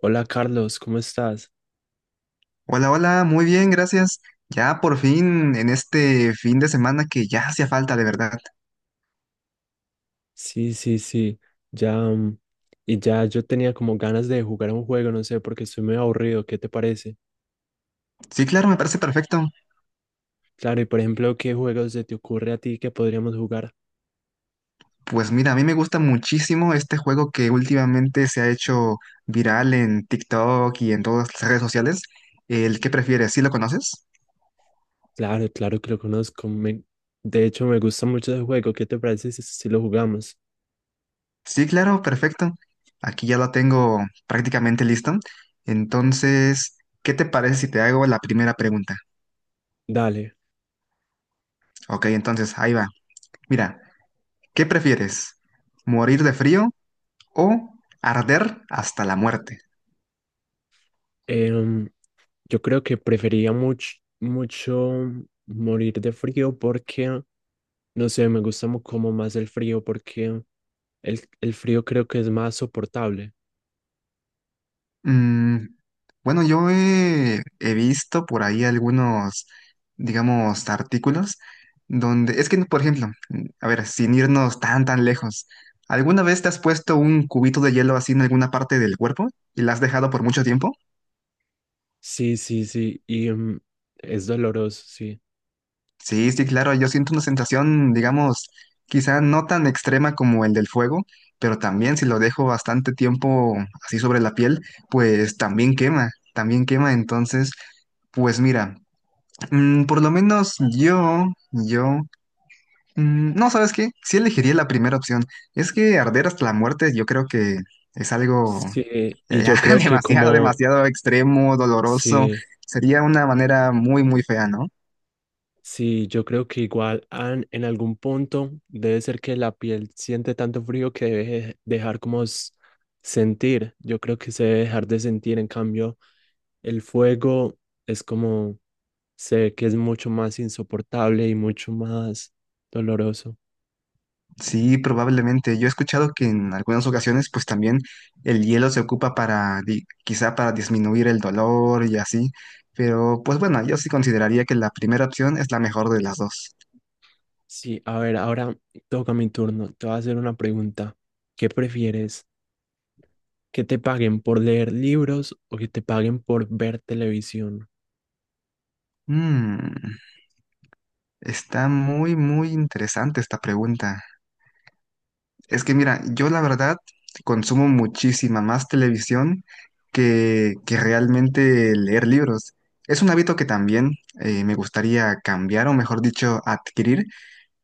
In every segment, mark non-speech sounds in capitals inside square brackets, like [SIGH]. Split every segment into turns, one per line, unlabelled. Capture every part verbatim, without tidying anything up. Hola Carlos, ¿cómo estás?
Hola, hola, muy bien, gracias. Ya por fin en este fin de semana que ya hacía falta, de verdad.
Sí, sí, sí, ya, mm, y ya yo tenía como ganas de jugar un juego, no sé, porque estoy muy aburrido, ¿qué te parece?
Sí, claro, me parece perfecto.
Claro, y por ejemplo, ¿qué juegos se te ocurre a ti que podríamos jugar?
Pues mira, a mí me gusta muchísimo este juego que últimamente se ha hecho viral en TikTok y en todas las redes sociales. ¿El que prefieres? ¿Sí lo conoces?
Claro, claro que lo conozco, me- de hecho me gusta mucho ese juego, ¿qué te parece si, si lo jugamos?
Sí, claro, perfecto. Aquí ya lo tengo prácticamente listo. Entonces, ¿qué te parece si te hago la primera pregunta?
Dale.
Ok, entonces ahí va. Mira, ¿qué prefieres? ¿Morir de frío o arder hasta la muerte?
em, yo creo que prefería mucho, mucho morir de frío porque, no sé, me gusta mu- como más el frío porque el, el frío creo que es más soportable.
Mm, bueno, yo he, he visto por ahí algunos, digamos, artículos donde, es que, por ejemplo, mm, a ver, sin irnos tan, tan lejos, ¿alguna vez te has puesto un cubito de hielo así en alguna parte del cuerpo y la has dejado por mucho tiempo?
Sí, sí, sí, y mm, es doloroso, sí.
Sí, sí, claro, yo siento una sensación, digamos, quizá no tan extrema como el del fuego, pero también si lo dejo bastante tiempo así sobre la piel, pues también quema, también quema. Entonces, pues mira, mm, por lo menos yo, yo, mm, no, ¿sabes qué? Sí elegiría la primera opción. Es que arder hasta la muerte yo creo que es algo
Sí,
ya,
y
ya
yo
[LAUGHS]
creo que
demasiado,
como,
demasiado extremo, doloroso.
sí,
Sería una manera muy, muy fea, ¿no?
sí, yo creo que igual an- en algún punto debe ser que la piel siente tanto frío que debe dejar como s- sentir, yo creo que se debe dejar de sentir, en cambio el fuego es como, sé que es mucho más insoportable y mucho más doloroso.
Sí, probablemente. Yo he escuchado que en algunas ocasiones, pues también el hielo se ocupa para, di- quizá para disminuir el dolor y así. Pero, pues bueno, yo sí consideraría que la primera opción es la mejor de las dos.
Sí, a ver, ahora toca mi turno, te voy a hacer una pregunta, ¿qué prefieres? ¿Que te paguen por leer libros o que te paguen por ver televisión?
Mm, está muy, muy interesante esta pregunta. Es que mira, yo la verdad consumo muchísima más televisión que, que realmente leer libros. Es un hábito que también eh, me gustaría cambiar, o mejor dicho, adquirir.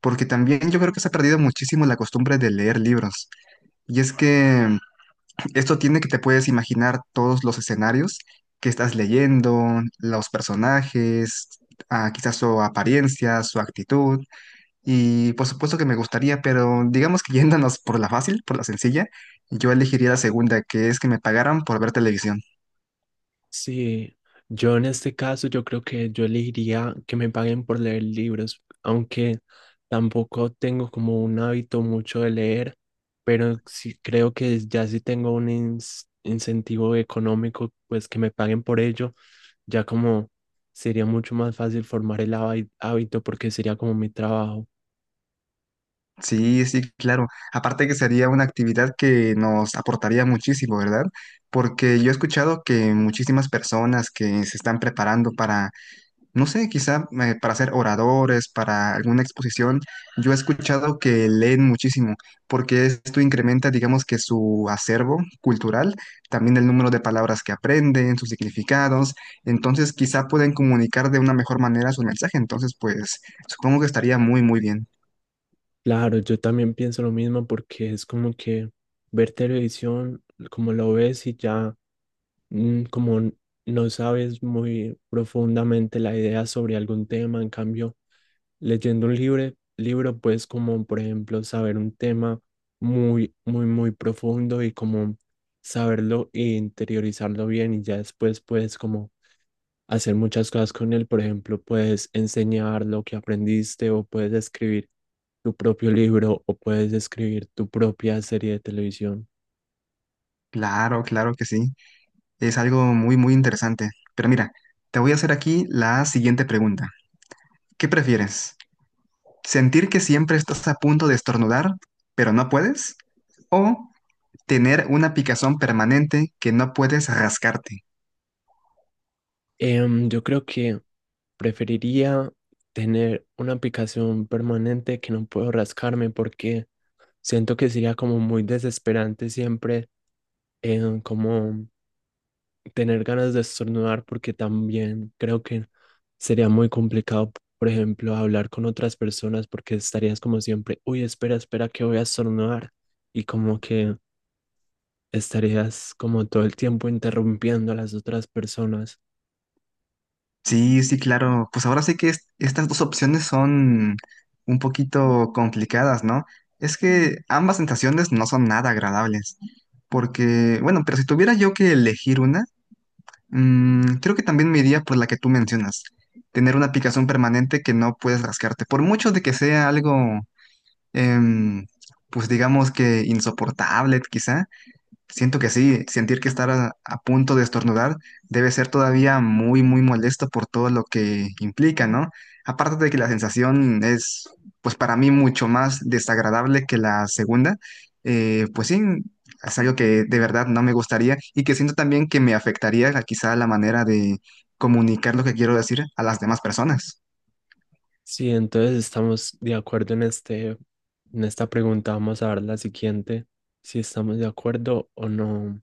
Porque también yo creo que se ha perdido muchísimo la costumbre de leer libros. Y es que mm, esto tiene que te puedes imaginar todos los escenarios que estás leyendo, los personajes, ah, quizás su apariencia, su actitud. Y por supuesto que me gustaría, pero digamos que [LAUGHS] yéndonos por la fácil, por la sencilla, yo elegiría la segunda, que es que me pagaran por ver televisión.
Sí, yo en este caso yo creo que yo elegiría que me paguen por leer libros, aunque tampoco tengo como un hábito mucho de leer, pero sí creo que ya si tengo un ins- incentivo económico, pues que me paguen por ello, ya como sería mucho más fácil formar el habi- hábito porque sería como mi trabajo.
Sí, sí, claro. Aparte que sería una actividad que nos aportaría muchísimo, ¿verdad? Porque yo he escuchado que muchísimas personas que se están preparando para, no sé, quizá eh, para ser oradores, para alguna exposición, yo he escuchado que leen muchísimo, porque esto incrementa, digamos que su acervo cultural, también el número de palabras que aprenden, sus significados, entonces quizá pueden comunicar de una mejor manera su mensaje, entonces pues supongo que estaría muy, muy bien.
Claro, yo también pienso lo mismo porque es como que ver televisión, como lo ves y ya, mm, como n- no sabes muy profundamente la idea sobre algún tema, en cambio, leyendo un libre- libro, pues como por ejemplo saber un tema muy, muy, muy profundo y como saberlo e interiorizarlo bien y ya después pues como hacer muchas cosas con él. Por ejemplo, puedes enseñar lo que aprendiste o puedes escribir tu propio libro o puedes escribir tu propia serie de televisión.
Claro, claro que sí. Es algo muy, muy interesante. Pero mira, te voy a hacer aquí la siguiente pregunta. ¿Qué prefieres? ¿Sentir que siempre estás a punto de estornudar, pero no puedes? ¿O tener una picazón permanente que no puedes rascarte?
Em, yo creo que preferiría tener una aplicación permanente que no puedo rascarme porque siento que sería como muy desesperante siempre, em, como tener ganas de estornudar porque también creo que sería muy complicado, por ejemplo, hablar con otras personas porque estarías como siempre, uy, espera, espera, que voy a estornudar y como que estarías como todo el tiempo interrumpiendo a las otras personas.
Sí, sí, claro. Pues ahora sí que es- estas dos opciones son un poquito complicadas, ¿no? Es que ambas sensaciones no son nada agradables. Porque, bueno, pero si tuviera yo que elegir una, Mm, creo que también me iría por la que tú mencionas, tener una picazón permanente que no puedes rascarte, por mucho de que sea algo, em, pues digamos que insoportable quizá, siento que sí, sentir que estar a, a punto de estornudar debe ser todavía muy, muy molesto por todo lo que implica, ¿no? Aparte de que la sensación es, pues para mí, mucho más desagradable que la segunda, eh, pues sí, es algo que de verdad no me gustaría y que siento también que me afectaría la- quizá la manera de comunicar lo que quiero decir a las demás personas.
Sí, entonces estamos de acuerdo en este, en esta pregunta. Vamos a ver la siguiente, si estamos de acuerdo o no.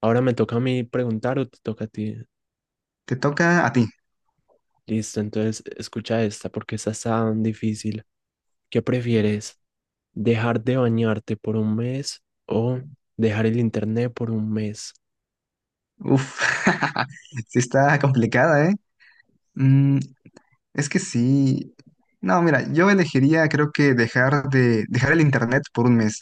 Ahora me toca a mí preguntar o te toca a ti.
Te toca a ti.
Listo, entonces escucha esta porque esta está difícil. ¿Qué prefieres? ¿Dejar de bañarte por un mes o dejar el internet por un mes?
Uf, [LAUGHS] sí está complicada, ¿eh? Mm, Es que sí. No, mira, yo elegiría, creo que dejar de dejar el internet por un mes.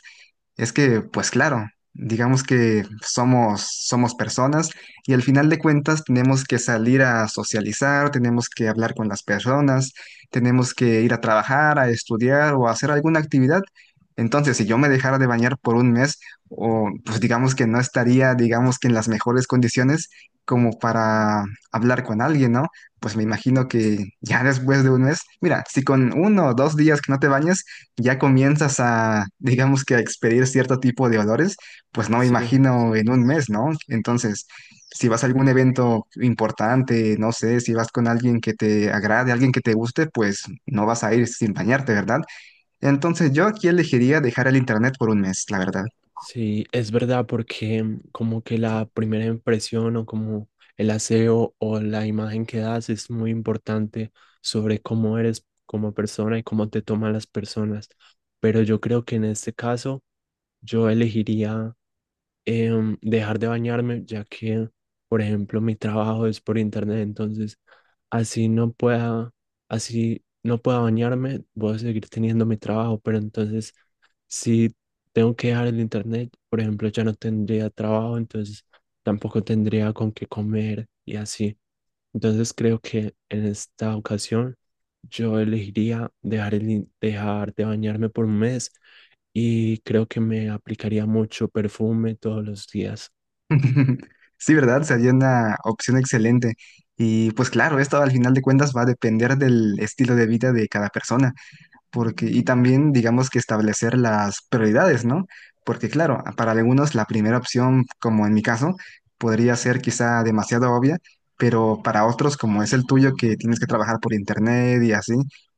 Es que, pues claro, digamos que somos somos personas y al final de cuentas tenemos que salir a socializar, tenemos que hablar con las personas, tenemos que ir a trabajar, a estudiar o a hacer alguna actividad. Entonces, si yo me dejara de bañar por un mes, o pues digamos que no estaría, digamos que en las mejores condiciones como para hablar con alguien, ¿no? Pues me imagino que ya después de un mes, mira, si con uno o dos días que no te bañes ya comienzas a, digamos que a expedir cierto tipo de olores, pues no me
Sí,
imagino en un mes, ¿no? Entonces, si vas a algún evento importante, no sé, si vas con alguien que te agrade, alguien que te guste, pues no vas a ir sin bañarte, ¿verdad? Entonces yo aquí elegiría dejar el internet por un mes, la verdad.
sí, es verdad porque, mm, como que la primera impresión o como el aseo o la imagen que das es muy importante sobre cómo eres como persona y cómo te toman las personas. Pero yo creo que en este caso yo elegiría, em, dejar de bañarme, ya que, por ejemplo, mi trabajo es por internet, entonces así no pueda, así no pueda bañarme, voy a seguir teniendo mi trabajo, pero entonces si tengo que dejar el internet, por ejemplo, ya no tendría trabajo, entonces tampoco tendría con qué comer y así. Entonces creo que en esta ocasión yo elegiría dejar, el in- dejar de bañarme por un mes y creo que me aplicaría mucho perfume todos los días.
[LAUGHS] Sí, ¿verdad? Sería una opción excelente. Y pues claro, esto al final de cuentas va a depender del estilo de vida de cada persona. Porque, y también, digamos que establecer las prioridades, ¿no? Porque, claro, para algunos la primera opción, como en mi caso, podría ser quizá demasiado obvia, pero para otros, como es el tuyo, que tienes que trabajar por internet y así,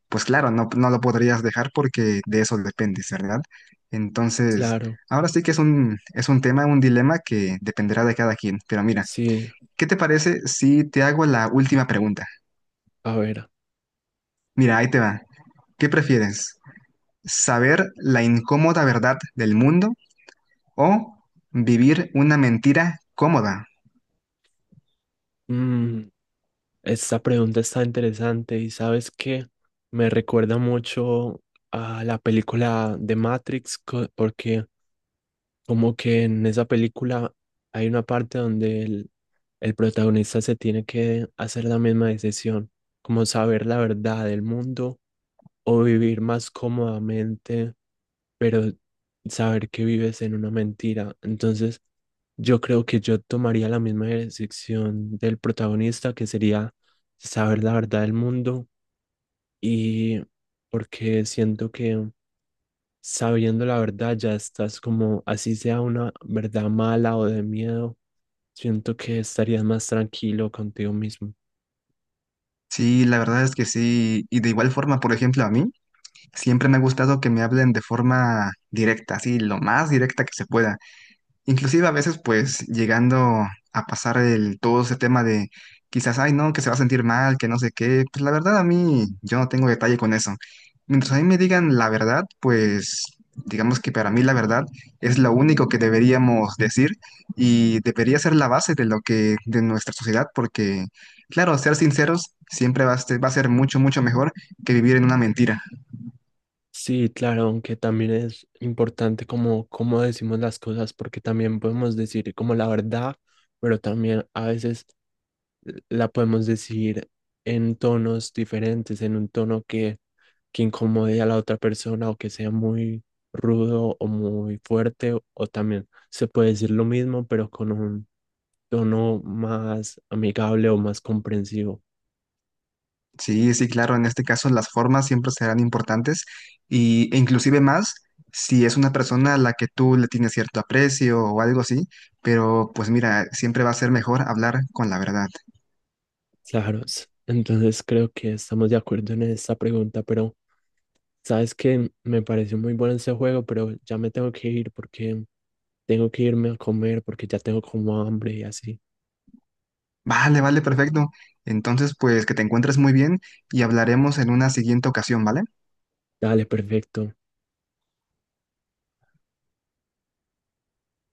pues claro, no, no lo podrías dejar porque de eso dependes, ¿verdad? Entonces,
Claro,
ahora sí que es un, es un tema, un dilema que dependerá de cada quien. Pero mira,
sí,
¿qué te parece si te hago la última pregunta?
a ver,
Mira, ahí te va. ¿Qué prefieres? ¿Saber la incómoda verdad del mundo o vivir una mentira cómoda?
mm, esta pregunta está interesante y sabes que me recuerda mucho a la película de Matrix co- porque como que en esa película hay una parte donde el, el protagonista se tiene que hacer la misma decisión, como saber la verdad del mundo o vivir más cómodamente pero saber que vives en una mentira. Entonces, yo creo que yo tomaría la misma decisión del protagonista, que sería saber la verdad del mundo y porque siento que sabiendo la verdad ya estás como, así sea una verdad mala o de miedo, siento que estarías más tranquilo contigo mismo.
Sí, la verdad es que sí. Y de igual forma, por ejemplo, a mí siempre me ha gustado que me hablen de forma directa, así lo más directa que se pueda. Inclusive a veces pues llegando a pasar el, todo ese tema de quizás, ay no, que se va a sentir mal, que no sé qué, pues la verdad a mí yo no tengo detalle con eso. Mientras a mí me digan la verdad, pues digamos que para mí la verdad es lo único que deberíamos decir y debería ser la base de lo que, de nuestra sociedad, porque claro, ser sinceros siempre va a, ser- va a ser mucho, mucho mejor que vivir en una mentira.
Sí, claro, aunque también es importante como cómo decimos las cosas, porque también podemos decir como la verdad, pero también a veces la podemos decir en tonos diferentes, en un tono que, que incomode a la otra persona o que sea muy rudo o muy fuerte, o, o también se puede decir lo mismo, pero con un tono más amigable o más comprensivo.
Sí, sí, claro, en este caso las formas siempre serán importantes y, e inclusive más si es una persona a la que tú le tienes cierto aprecio o algo así, pero pues mira, siempre va a ser mejor hablar con la verdad.
Claro, s- entonces creo que estamos de acuerdo en esta pregunta, pero... Sabes que me pareció muy bueno ese juego, pero ya me tengo que ir porque tengo que irme a comer porque ya tengo como hambre y así.
Vale, vale, perfecto. Entonces, pues que te encuentres muy bien y hablaremos en una siguiente ocasión, ¿vale?
Dale, perfecto.